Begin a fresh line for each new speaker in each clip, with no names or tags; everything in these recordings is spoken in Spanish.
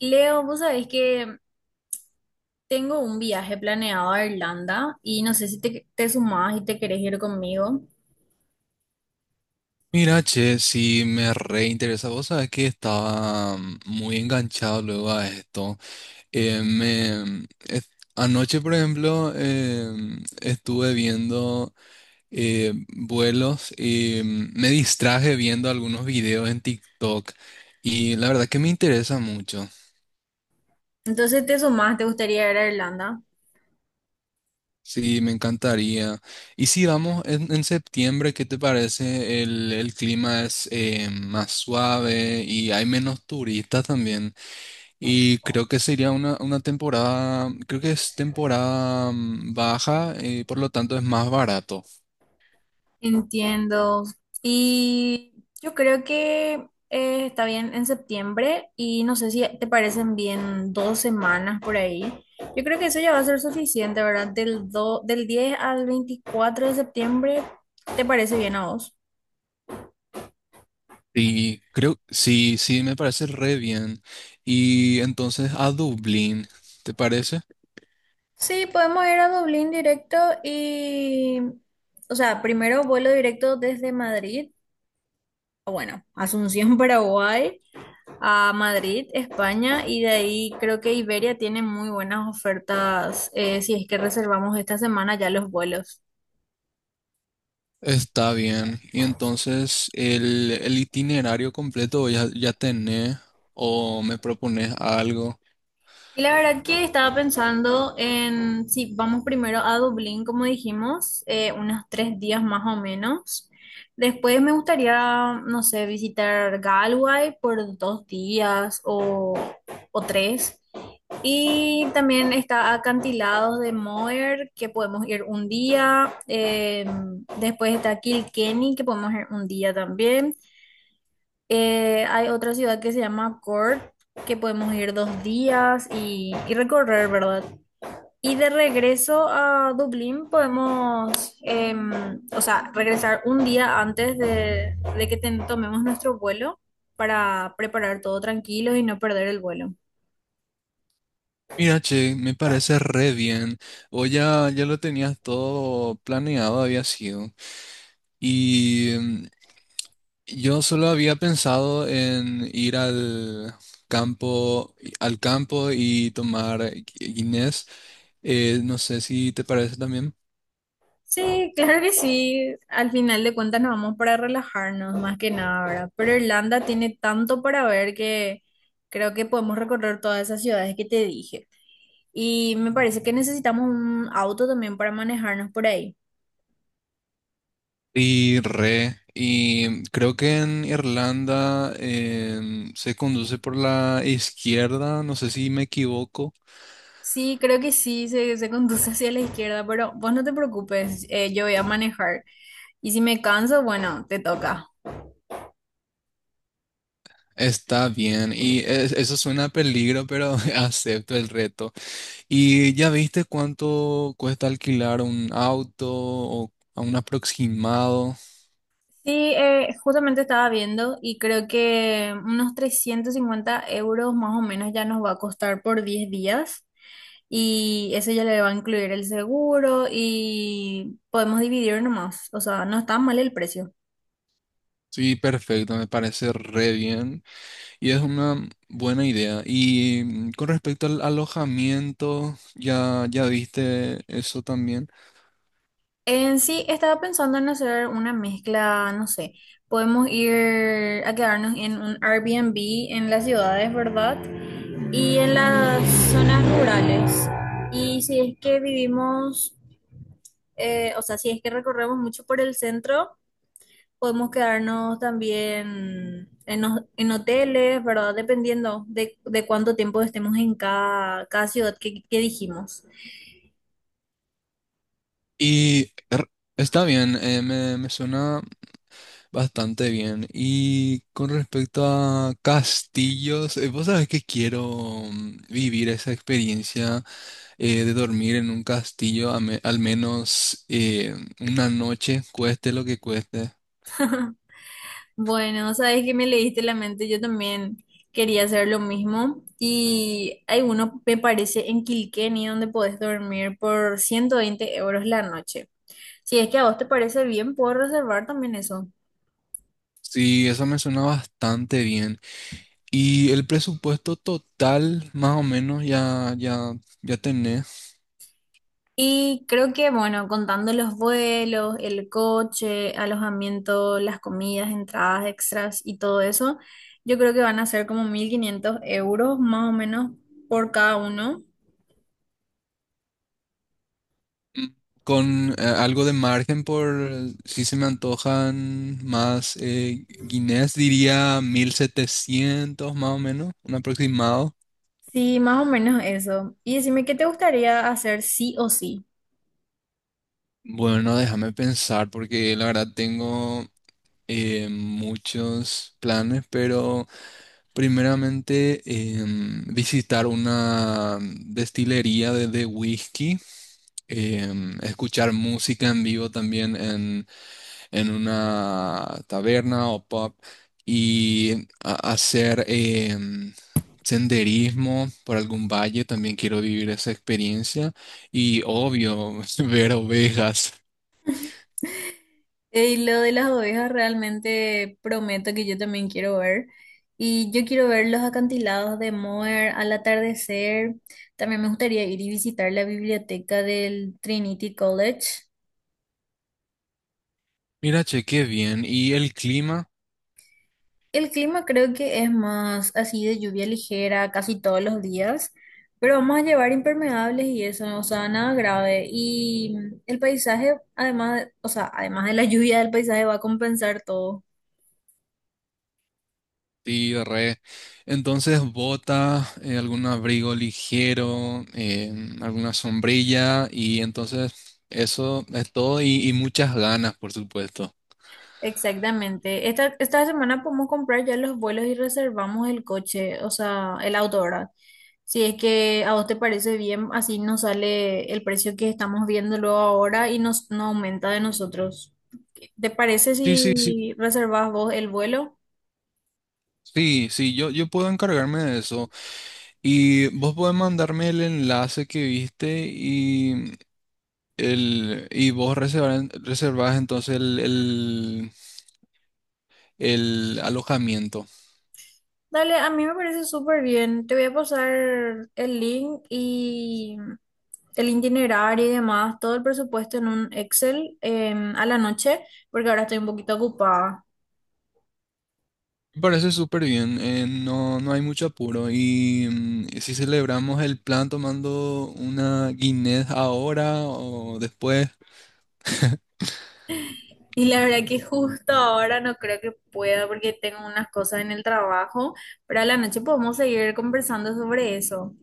Leo, vos sabés que tengo un viaje planeado a Irlanda y no sé si te sumás y te querés ir conmigo.
Mira, che, si me reinteresa. Vos sabés que estaba muy enganchado luego a esto. Anoche, por ejemplo, estuve viendo vuelos y me distraje viendo algunos videos en TikTok. Y la verdad que me interesa mucho.
Entonces te sumás, te gustaría ir a Irlanda.
Sí, me encantaría. Y si vamos en septiembre, ¿qué te parece? El clima es más suave y hay menos turistas también. Y creo que sería una temporada, creo que es temporada baja, por lo tanto es más barato.
Entiendo. Y yo creo que está bien en septiembre y no sé si te parecen bien 2 semanas por ahí. Yo creo que eso ya va a ser suficiente, ¿verdad? Del 10 al 24 de septiembre, ¿te parece bien a vos?
Y creo, sí, sí, me parece re bien. Y entonces a Dublín, ¿te parece?
Sí, podemos ir a Dublín directo y, o sea, primero vuelo directo desde Madrid, o bueno, Asunción, Paraguay, a Madrid, España, y de ahí creo que Iberia tiene muy buenas ofertas si es que reservamos esta semana ya los vuelos.
Está bien. Y entonces el itinerario completo ya tenés o me propones algo.
Y la verdad que estaba pensando en si vamos primero a Dublín, como dijimos, unos 3 días más o menos. Después me gustaría, no sé, visitar Galway por 2 días o tres. Y también está Acantilados de Moher, que podemos ir un día. Después está Kilkenny, que podemos ir un día también. Hay otra ciudad que se llama Cork, que podemos ir 2 días y recorrer, ¿verdad? Y de regreso a Dublín podemos, o sea, regresar un día antes de que tomemos nuestro vuelo para preparar todo tranquilo y no perder el vuelo.
Mira, che, me parece re bien. O ya lo tenías todo planeado, había sido. Y yo solo había pensado en ir campo, al campo y tomar Guinness. No sé si te parece también.
Sí, claro que sí. Al final de cuentas nos vamos para relajarnos, más que nada, ¿verdad? Pero Irlanda tiene tanto para ver que creo que podemos recorrer todas esas ciudades que te dije. Y me parece que necesitamos un auto también para manejarnos por ahí.
Y re. Y creo que en Irlanda se conduce por la izquierda. No sé si me equivoco.
Sí, creo que sí, se conduce hacia la izquierda, pero vos no te preocupes, yo voy a manejar. Y si me canso, bueno, te toca.
Está bien. Y eso suena a peligro, pero acepto el reto. ¿Y ya viste cuánto cuesta alquilar un auto o a un aproximado?
Sí, justamente estaba viendo y creo que unos 350 euros más o menos ya nos va a costar por 10 días y eso ya le va a incluir el seguro y podemos dividir nomás, o sea, no está mal el precio.
Sí, perfecto, me parece re bien y es una buena idea. Y con respecto al alojamiento, ya viste eso también.
En sí, estaba pensando en hacer una mezcla, no sé, podemos ir a quedarnos en un Airbnb en las ciudades, ¿verdad? Y en las zonas rurales. Y si es que vivimos o sea, si es que recorremos mucho por el centro, podemos quedarnos también en hoteles, ¿verdad? Dependiendo de cuánto tiempo estemos en cada ciudad que dijimos.
Y er, Está bien, me suena bastante bien. Y con respecto a castillos, vos sabés que quiero vivir esa experiencia de dormir en un castillo, a al menos una noche, cueste lo que cueste.
Bueno, sabes que me leíste la mente, yo también quería hacer lo mismo. Y hay uno, me parece, en Kilkenny, donde podés dormir por 120 euros la noche. Si es que a vos te parece bien, puedo reservar también eso.
Sí, eso me suena bastante bien. Y el presupuesto total, más o menos, ya tenés.
Y creo que, bueno, contando los vuelos, el coche, alojamiento, las comidas, entradas extras y todo eso, yo creo que van a ser como 1500 euros más o menos por cada uno.
Con algo de margen por si se me antojan más guineas, diría 1.700 más o menos, un aproximado.
Sí, más o menos eso. Y decime, ¿qué te gustaría hacer sí o sí?
Bueno, déjame pensar, porque la verdad tengo muchos planes, pero primeramente visitar una destilería de whisky, escuchar música en vivo también en una taberna o pub y hacer em, senderismo por algún valle, también quiero vivir esa experiencia y obvio ver ovejas.
Y lo de las ovejas realmente prometo que yo también quiero ver. Y yo quiero ver los acantilados de Moher al atardecer. También me gustaría ir y visitar la biblioteca del Trinity College.
Mira, che, qué bien. ¿Y el clima?
El clima creo que es más así de lluvia ligera casi todos los días, pero vamos a llevar impermeables y eso, o sea, nada grave. Y el paisaje, además, o sea, además de la lluvia, el paisaje va a compensar todo.
Sí, re. Entonces, bota, algún abrigo ligero, alguna sombrilla y entonces eso es todo y muchas ganas, por supuesto.
Exactamente. Esta semana podemos comprar ya los vuelos y reservamos el coche, o sea, el auto, ¿verdad? Si es que a vos te parece bien, así nos sale el precio que estamos viéndolo ahora y nos, no aumenta de nosotros. ¿Te parece
Sí, sí, sí.
si reservas vos el vuelo?
Sí, sí, yo puedo encargarme de eso. Y vos podés mandarme el enlace que viste y, el, y vos reservar- reservás entonces el alojamiento.
Dale, a mí me parece súper bien. Te voy a pasar el link y el itinerario y demás, todo el presupuesto en un Excel a la noche, porque ahora estoy un poquito ocupada.
Me parece súper bien, no hay mucho apuro y si celebramos el plan tomando una Guinness ahora o después,
Y la verdad que justo ahora no creo que pueda porque tengo unas cosas en el trabajo, pero a la noche podemos seguir conversando sobre eso.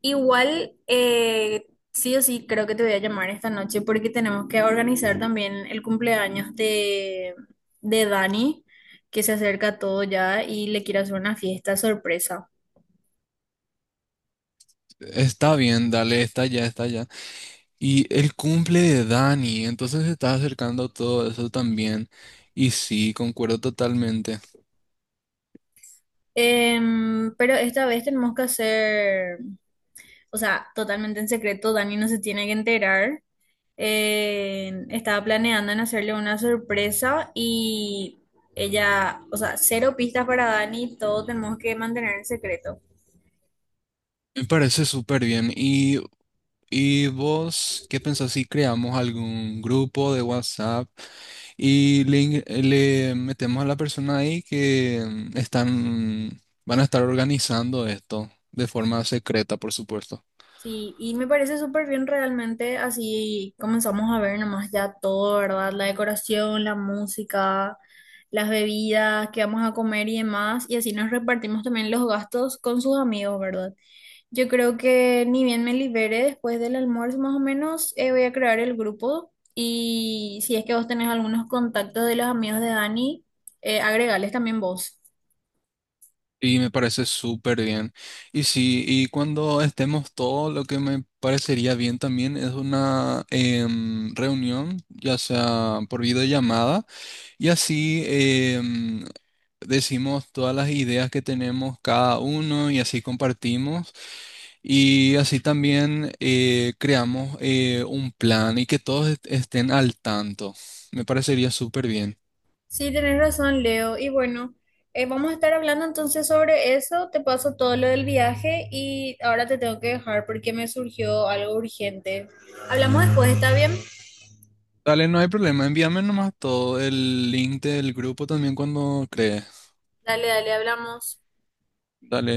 Igual, sí o sí, creo que te voy a llamar esta noche porque tenemos que organizar también el cumpleaños de Dani, que se acerca todo ya y le quiero hacer una fiesta sorpresa.
está bien, dale, está ya, está ya. Y el cumple de Dani, entonces se está acercando todo eso también y sí, concuerdo totalmente.
Pero esta vez tenemos que hacer, o sea, totalmente en secreto, Dani no se tiene que enterar. Estaba planeando en hacerle una sorpresa y ella, o sea, cero pistas para Dani, todo tenemos que mantener en secreto.
Me parece súper bien. ¿Y vos qué pensás si creamos algún grupo de WhatsApp y le metemos a la persona ahí que van a estar organizando esto de forma secreta, por supuesto?
Sí, y me parece súper bien realmente, así comenzamos a ver nomás ya todo, ¿verdad? La decoración, la música, las bebidas qué vamos a comer y demás, y así nos repartimos también los gastos con sus amigos, ¿verdad? Yo creo que ni bien me libere después del almuerzo, más o menos, voy a crear el grupo y si es que vos tenés algunos contactos de los amigos de Dani, agregales también vos.
Y me parece súper bien. Y sí, y cuando estemos todos, lo que me parecería bien también es una reunión, ya sea por videollamada. Y así em, decimos todas las ideas que tenemos cada uno y así compartimos. Y así también creamos un plan y que todos estén al tanto. Me parecería súper bien.
Sí, tenés razón, Leo. Y bueno, vamos a estar hablando entonces sobre eso. Te paso todo lo del viaje y ahora te tengo que dejar porque me surgió algo urgente. Hablamos después, ¿está bien?
Dale, no hay problema. Envíame nomás todo el link del grupo también cuando crees.
Dale, dale, hablamos.
Dale.